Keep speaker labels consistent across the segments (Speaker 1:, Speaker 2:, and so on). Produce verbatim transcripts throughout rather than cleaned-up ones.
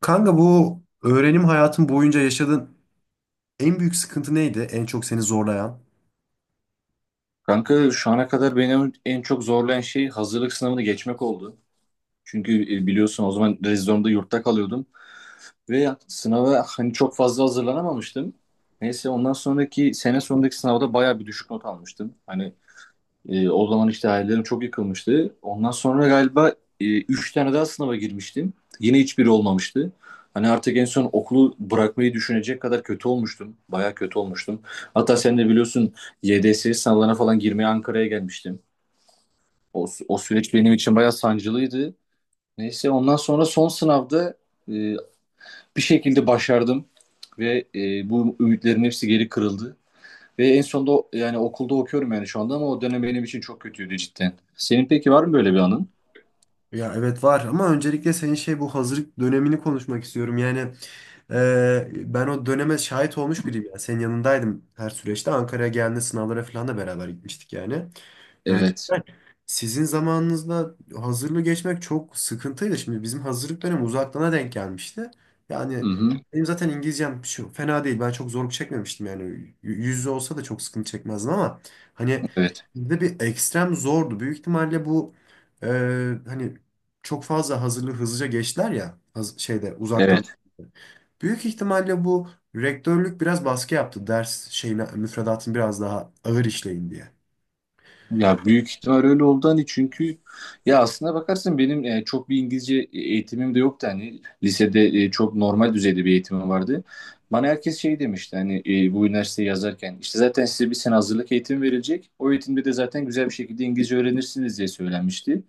Speaker 1: Kanka bu öğrenim hayatın boyunca yaşadığın en büyük sıkıntı neydi? En çok seni zorlayan?
Speaker 2: Kanka şu ana kadar beni en çok zorlayan şey hazırlık sınavını geçmek oldu. Çünkü e, biliyorsun o zaman rezidorumda yurtta kalıyordum ve sınava hani çok fazla hazırlanamamıştım. Neyse ondan sonraki sene sonundaki sınavda bayağı bir düşük not almıştım. Hani e, o zaman işte hayallerim çok yıkılmıştı. Ondan sonra galiba e, üç tane daha sınava girmiştim. Yine hiçbiri olmamıştı. Hani artık en son okulu bırakmayı düşünecek kadar kötü olmuştum. Bayağı kötü olmuştum. Hatta sen de biliyorsun Y D S sınavlarına falan girmeye Ankara'ya gelmiştim. O, o süreç benim için bayağı sancılıydı. Neyse ondan sonra son sınavda e, bir şekilde başardım ve e, bu ümitlerin hepsi geri kırıldı. Ve en sonunda o- yani okulda okuyorum yani şu anda ama o dönem benim için çok kötüydü cidden. Senin peki var mı böyle bir anın?
Speaker 1: Ya evet var ama öncelikle senin şey bu hazırlık dönemini konuşmak istiyorum. Yani e, ben o döneme şahit olmuş biriyim. Yani senin yanındaydım her süreçte. Ankara'ya geldiğinde sınavlara falan da beraber gitmiştik yani. Ya
Speaker 2: Evet.
Speaker 1: cidden sizin zamanınızda hazırlığı geçmek çok sıkıntıydı. Şimdi bizim hazırlık dönemi uzaklığına denk gelmişti.
Speaker 2: Hı
Speaker 1: Yani
Speaker 2: hı.
Speaker 1: benim zaten İngilizcem şu, fena değil. Ben çok zorluk çekmemiştim yani. Y- Yüz yüze olsa da çok sıkıntı çekmezdim ama hani
Speaker 2: Evet.
Speaker 1: bizde bir ekstrem zordu. Büyük ihtimalle bu e, hani çok fazla hazırlığı hızlıca geçtiler ya haz- şeyde uzaktan.
Speaker 2: Evet.
Speaker 1: Büyük ihtimalle bu rektörlük biraz baskı yaptı ders şeyine müfredatın biraz daha ağır işleyin diye.
Speaker 2: Ya büyük ihtimal öyle oldu hani çünkü ya aslına bakarsın benim e, çok bir İngilizce eğitimim de yoktu hani lisede e, çok normal düzeyde bir eğitimim vardı. Bana herkes şey demişti hani e, bu üniversiteyi yazarken işte zaten size bir sene hazırlık eğitimi verilecek. O eğitimde de zaten güzel bir şekilde İngilizce öğrenirsiniz diye söylenmişti.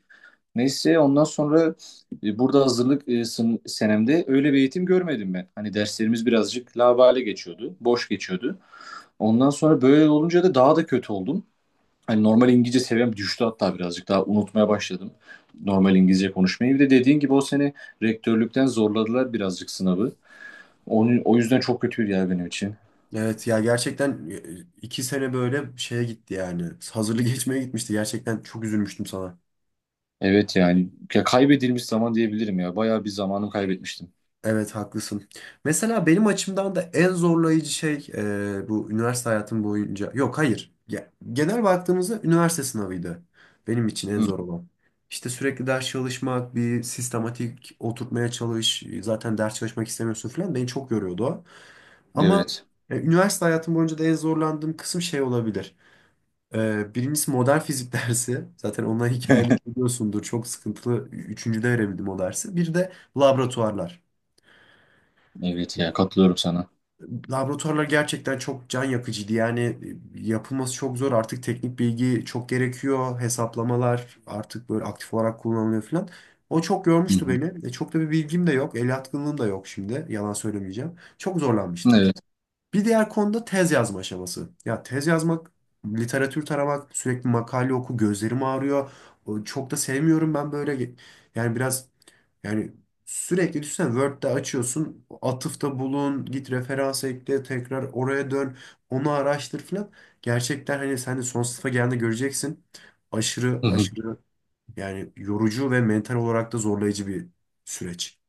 Speaker 2: Neyse ondan sonra e, burada hazırlık e, sın- senemde öyle bir eğitim görmedim ben. Hani derslerimiz birazcık laubali geçiyordu, boş geçiyordu. Ondan sonra böyle olunca da daha da kötü oldum. Hani normal İngilizce seviyem düştü hatta birazcık daha unutmaya başladım normal İngilizce konuşmayı. Bir de dediğin gibi o sene rektörlükten zorladılar birazcık sınavı. Onun, o yüzden çok kötüydü ya benim için.
Speaker 1: Evet ya gerçekten e, iki sene böyle şeye gitti yani. Hazırlık geçmeye gitmişti. Gerçekten çok üzülmüştüm sana.
Speaker 2: Evet yani ya kaybedilmiş zaman diyebilirim ya. Bayağı bir zamanımı kaybetmiştim.
Speaker 1: Evet haklısın. Mesela benim açımdan da en zorlayıcı şey e, bu üniversite hayatım boyunca. Yok hayır. Ya, genel baktığımızda üniversite sınavıydı. Benim için en
Speaker 2: Hı,
Speaker 1: zor olan. İşte sürekli ders çalışmak, bir sistematik oturtmaya çalış. e, Zaten ders çalışmak istemiyorsun falan. Beni çok yoruyordu o. Ama
Speaker 2: evet.
Speaker 1: e, üniversite hayatım boyunca da en zorlandığım kısım şey olabilir. Ee, birincisi modern fizik dersi. Zaten onunla hikayemizi biliyorsundur. Çok sıkıntılı. Üçüncüde verebildim o dersi. Bir de laboratuvarlar.
Speaker 2: Evet ya katılıyorum sana.
Speaker 1: Laboratuvarlar gerçekten çok can yakıcıydı. Yani yapılması çok zor. Artık teknik bilgi çok gerekiyor. Hesaplamalar artık böyle aktif olarak kullanılıyor falan. O çok
Speaker 2: Hı
Speaker 1: yormuştu
Speaker 2: hı.
Speaker 1: beni. E, çok da bir bilgim de yok. El yatkınlığım da yok şimdi. Yalan söylemeyeceğim. Çok zorlanmıştım.
Speaker 2: Evet.
Speaker 1: Bir diğer konuda tez yazma aşaması. Ya tez yazmak, literatür taramak, sürekli makale oku, gözlerim ağrıyor. O- Çok da sevmiyorum ben böyle. ge- Yani biraz yani sürekli düşünsene Word'de açıyorsun, atıfta bulun, git referans ekle, tekrar oraya dön, onu araştır filan. Gerçekten hani sen de son sınıfa geldiğinde göreceksin. Aşırı
Speaker 2: Hı hı.
Speaker 1: aşırı yani yorucu ve mental olarak da zorlayıcı bir süreç.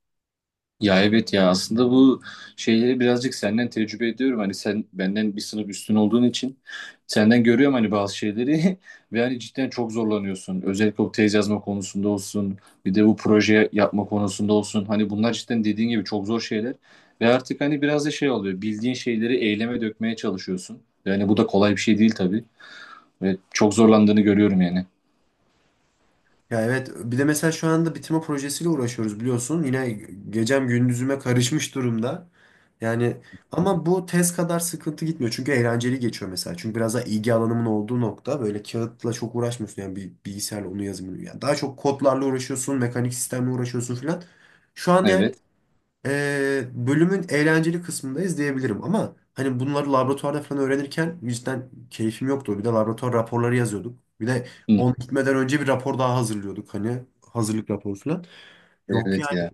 Speaker 2: Ya evet ya aslında bu şeyleri birazcık senden tecrübe ediyorum. Hani sen benden bir sınıf üstün olduğun için senden görüyorum hani bazı şeyleri ve hani cidden çok zorlanıyorsun. Özellikle o tez yazma konusunda olsun bir de bu proje yapma konusunda olsun. Hani bunlar cidden dediğin gibi çok zor şeyler ve artık hani biraz da şey oluyor bildiğin şeyleri eyleme dökmeye çalışıyorsun. Yani bu da kolay bir şey değil tabii ve çok zorlandığını görüyorum yani.
Speaker 1: Ya evet bir de mesela şu anda bitirme projesiyle uğraşıyoruz biliyorsun. Yine gecem gündüzüme karışmış durumda. Yani ama bu tez kadar sıkıntı gitmiyor. Çünkü eğlenceli geçiyor mesela. Çünkü biraz daha ilgi alanımın olduğu nokta böyle kağıtla çok uğraşmıyorsun. Yani bir bilgisayarla onu yazımını. Yani daha çok kodlarla uğraşıyorsun, mekanik sistemle uğraşıyorsun filan. Şu an yani
Speaker 2: Evet.
Speaker 1: e, bölümün eğlenceli kısmındayız diyebilirim ama hani bunları laboratuvarda falan öğrenirken cidden keyfim yoktu. Bir de laboratuvar raporları yazıyorduk. Bir de
Speaker 2: Hı.
Speaker 1: on gitmeden önce bir rapor daha hazırlıyorduk hani hazırlık raporu falan. Yok
Speaker 2: Evet
Speaker 1: yani.
Speaker 2: ya.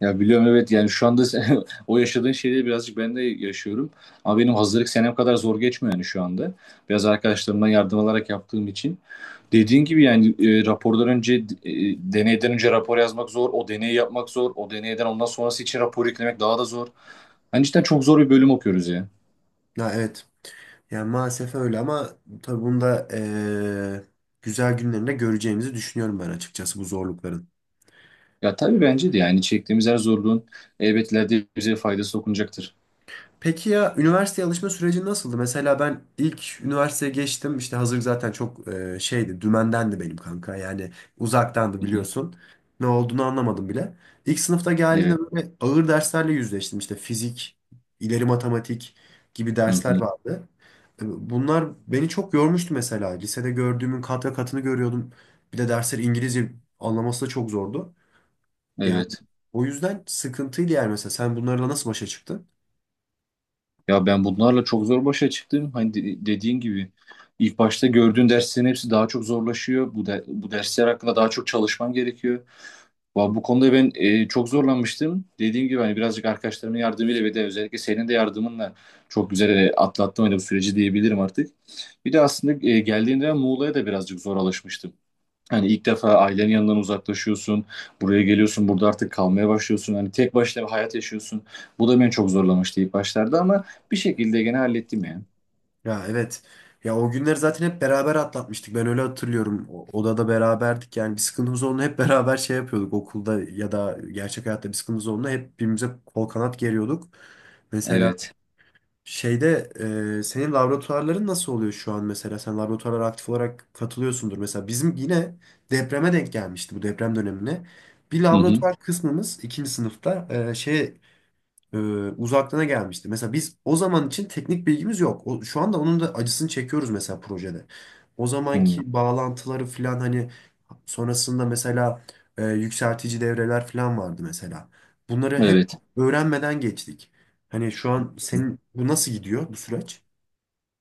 Speaker 2: Ya biliyorum evet yani şu anda sen- o yaşadığın şeyleri birazcık ben de yaşıyorum. Ama benim hazırlık senem kadar zor geçmiyor yani şu anda. Biraz arkadaşlarımdan yardım alarak yaptığım için. Dediğin gibi yani e, rapordan önce e, deneyden önce rapor yazmak zor. O deneyi yapmak zor. O deneyden ondan sonrası için rapor eklemek daha da zor. Hani cidden çok zor bir bölüm okuyoruz ya.
Speaker 1: Ya evet. Yani maalesef öyle ama tabii bunu da e, güzel günlerinde göreceğimizi düşünüyorum ben açıkçası bu zorlukların.
Speaker 2: Ya tabii bence de yani çektiğimiz her zorluğun elbet ileride bize faydası dokunacaktır.
Speaker 1: Peki ya üniversiteye alışma süreci nasıldı? Mesela ben ilk üniversiteye geçtim. İşte hazırlık zaten çok e, şeydi, dümendendi benim kanka. Yani uzaktandı
Speaker 2: Hı hı.
Speaker 1: biliyorsun. Ne olduğunu anlamadım bile. İlk sınıfta geldiğinde
Speaker 2: Evet.
Speaker 1: böyle ağır derslerle yüzleştim. İşte fizik, ileri matematik gibi
Speaker 2: Hı
Speaker 1: dersler
Speaker 2: hı.
Speaker 1: vardı. E, Bunlar beni çok yormuştu mesela. Lisede gördüğümün kat ve katını görüyordum. Bir de dersleri İngilizce anlaması da çok zordu. Yani
Speaker 2: Evet.
Speaker 1: o yüzden sıkıntıydı yani mesela. Sen bunlarla nasıl başa çıktın?
Speaker 2: Ya ben bunlarla çok zor başa çıktım. Hani de- dediğin gibi ilk başta gördüğün derslerin hepsi daha çok zorlaşıyor. Bu, de- bu dersler hakkında daha çok çalışman gerekiyor. Va- Bu konuda ben e, çok zorlanmıştım. Dediğim gibi hani birazcık arkadaşlarımın yardımıyla ve de özellikle senin de yardımınla çok güzel e, atlattım hani bu süreci diyebilirim artık. Bir de aslında e, geldiğimde ben Muğla'ya da birazcık zor alışmıştım. Hani ilk defa ailenin yanından uzaklaşıyorsun. Buraya geliyorsun. Burada artık kalmaya başlıyorsun. Hani tek başına bir hayat yaşıyorsun. Bu da beni çok zorlamıştı ilk başlarda ama bir şekilde gene hallettim yani.
Speaker 1: Ya evet. Ya o günleri zaten hep beraber atlatmıştık. Ben öyle hatırlıyorum. O- Odada beraberdik. Yani bir sıkıntımız olduğunda hep beraber şey yapıyorduk. Okulda ya da gerçek hayatta bir sıkıntımız olduğunda hep birbirimize kol kanat geriyorduk. Mesela
Speaker 2: Evet.
Speaker 1: şeyde e, senin laboratuvarların nasıl oluyor şu an mesela? Sen laboratuvarlara aktif olarak katılıyorsundur. Mesela bizim yine depreme denk gelmişti bu deprem dönemine. Bir
Speaker 2: Hı hı.
Speaker 1: laboratuvar kısmımız ikinci sınıfta e, şey e, uzaklığına gelmişti. Mesela biz o zaman için teknik bilgimiz yok. O, şu anda onun da acısını çekiyoruz mesela projede. O
Speaker 2: Hmm.
Speaker 1: zamanki bağlantıları falan hani sonrasında mesela e, yükseltici devreler falan vardı mesela. Bunları hep
Speaker 2: Evet.
Speaker 1: öğrenmeden geçtik. Hani şu an senin bu nasıl gidiyor bu süreç?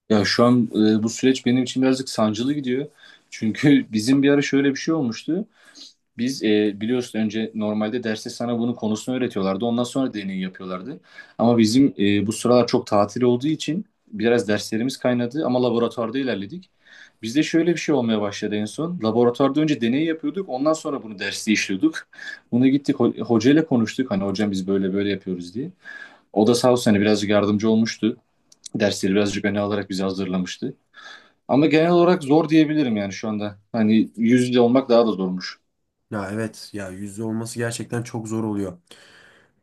Speaker 2: Ya şu an e, bu süreç benim için birazcık sancılı gidiyor. Çünkü bizim bir ara şöyle bir şey olmuştu. Biz e, biliyorsun önce normalde derste sana bunun konusunu öğretiyorlardı. Ondan sonra deney yapıyorlardı. Ama bizim e, bu sıralar çok tatil olduğu için biraz derslerimiz kaynadı ama laboratuvarda ilerledik. Bizde şöyle bir şey olmaya başladı en son. Laboratuvarda önce deney yapıyorduk. Ondan sonra bunu derste işliyorduk. Bunu gittik ho- hocayla konuştuk. Hani hocam biz böyle böyle yapıyoruz diye. O da sağ olsun hani birazcık yardımcı olmuştu. Dersleri birazcık öne alarak bizi hazırlamıştı. Ama genel olarak zor diyebilirim yani şu anda. Hani yüz yüze olmak daha da zormuş.
Speaker 1: Ya evet ya yüzde olması gerçekten çok zor oluyor.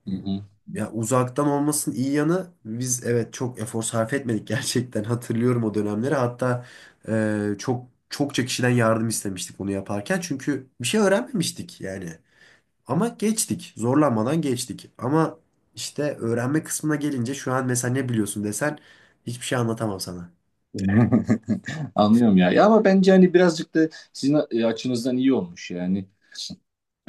Speaker 2: Hı hı.
Speaker 1: Ya uzaktan olmasının iyi yanı biz evet çok efor sarf etmedik gerçekten hatırlıyorum o dönemleri. Hatta e, çok çokça kişiden yardım istemiştik bunu yaparken çünkü bir şey öğrenmemiştik yani. Ama geçtik zorlanmadan geçtik. Ama işte öğrenme kısmına gelince şu an mesela ne biliyorsun desen hiçbir şey anlatamam sana.
Speaker 2: Anlıyorum ya. Ya ama bence hani birazcık da sizin e, açınızdan iyi olmuş yani.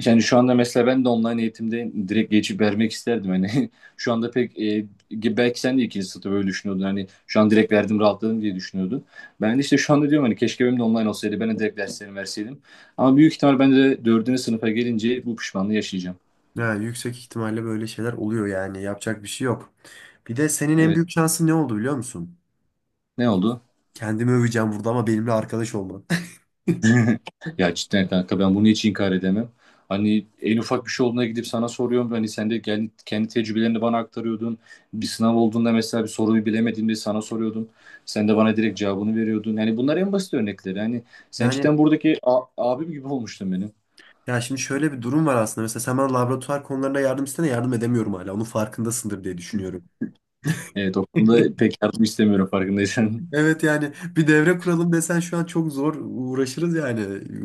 Speaker 2: Yani şu anda mesela ben de online eğitimde direkt geçip vermek isterdim. Hani şu anda pek e, belki sen de ikinci sınıfta böyle düşünüyordun. Hani şu an direkt verdim rahatladım diye düşünüyordun. Ben de işte şu anda diyorum hani keşke benim de online olsaydı. Ben de direkt derslerimi verseydim. Ama büyük ihtimal ben de dördüncü sınıfa gelince bu pişmanlığı yaşayacağım.
Speaker 1: Yani yüksek ihtimalle böyle şeyler oluyor yani yapacak bir şey yok. Bir de senin en
Speaker 2: Evet.
Speaker 1: büyük şansın ne oldu biliyor musun?
Speaker 2: Ne oldu?
Speaker 1: Kendimi öveceğim burada ama benimle arkadaş olman.
Speaker 2: Ya cidden kanka ben bunu hiç inkar edemem. Hani en ufak bir şey olduğuna gidip sana soruyorum. Hani sen de kendi, kendi tecrübelerini bana aktarıyordun. Bir sınav olduğunda mesela bir soruyu bilemediğimde sana soruyordum. Sen de bana direkt cevabını veriyordun. Yani bunlar en basit örnekleri. Hani sen cidden
Speaker 1: Yani
Speaker 2: buradaki a- abim gibi olmuştun benim.
Speaker 1: ya şimdi şöyle bir durum var aslında. Mesela sen bana laboratuvar konularında yardım istene yardım edemiyorum hala. Onun farkındasındır diye düşünüyorum.
Speaker 2: Evet o konuda pek yardım istemiyorum farkındaysan.
Speaker 1: Evet yani bir devre kuralım desen şu an çok zor uğraşırız yani.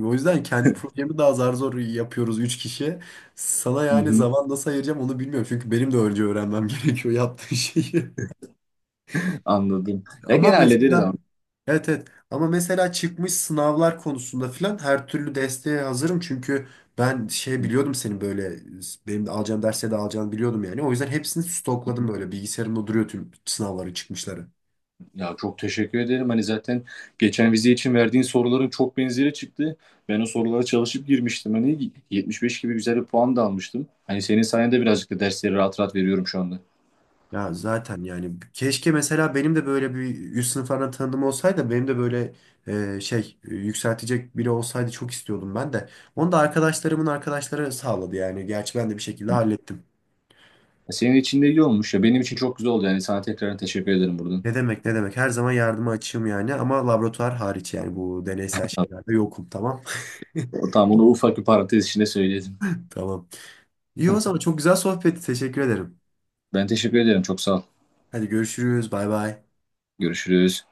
Speaker 1: O yüzden kendi projemi daha zar zor yapıyoruz üç kişi. Sana
Speaker 2: Hı
Speaker 1: yani
Speaker 2: hı,
Speaker 1: zaman nasıl ayıracağım onu bilmiyorum. Çünkü benim de önce öğrenmem gerekiyor yaptığın şeyi.
Speaker 2: Anladım. Ya
Speaker 1: Ama
Speaker 2: gene hallederiz ama.
Speaker 1: mesela evet evet ama mesela çıkmış sınavlar konusunda filan her türlü desteğe hazırım çünkü ben şey biliyordum senin böyle benim de alacağım derse de alacağını biliyordum yani o yüzden hepsini stokladım böyle bilgisayarımda duruyor tüm sınavları çıkmışları.
Speaker 2: Ya çok teşekkür ederim. Hani zaten geçen vize için verdiğin soruların çok benzeri çıktı. Ben o sorulara çalışıp girmiştim. Hani yetmiş beş gibi güzel bir puan da almıştım. Hani senin sayende birazcık da dersleri rahat rahat veriyorum şu anda.
Speaker 1: Ya zaten yani keşke mesela benim de böyle bir üst sınıflardan tanıdığım olsaydı benim de böyle e, şey e, yükseltecek biri olsaydı çok istiyordum ben de. Onu da arkadaşlarımın arkadaşları sağladı yani gerçi ben de bir şekilde hallettim.
Speaker 2: Senin için de iyi olmuş ya. Benim için çok güzel oldu yani. Sana tekrar teşekkür ederim buradan.
Speaker 1: Ne demek ne demek. Her zaman yardıma açığım yani ama laboratuvar hariç yani bu deneysel şeylerde yokum tamam.
Speaker 2: O, tamam onu ufak bir parantez içinde söyledim.
Speaker 1: Tamam. İyi o zaman çok güzel sohbetti. Teşekkür ederim.
Speaker 2: Ben teşekkür ederim. Çok sağ ol.
Speaker 1: Hadi görüşürüz. Bay bay.
Speaker 2: Görüşürüz.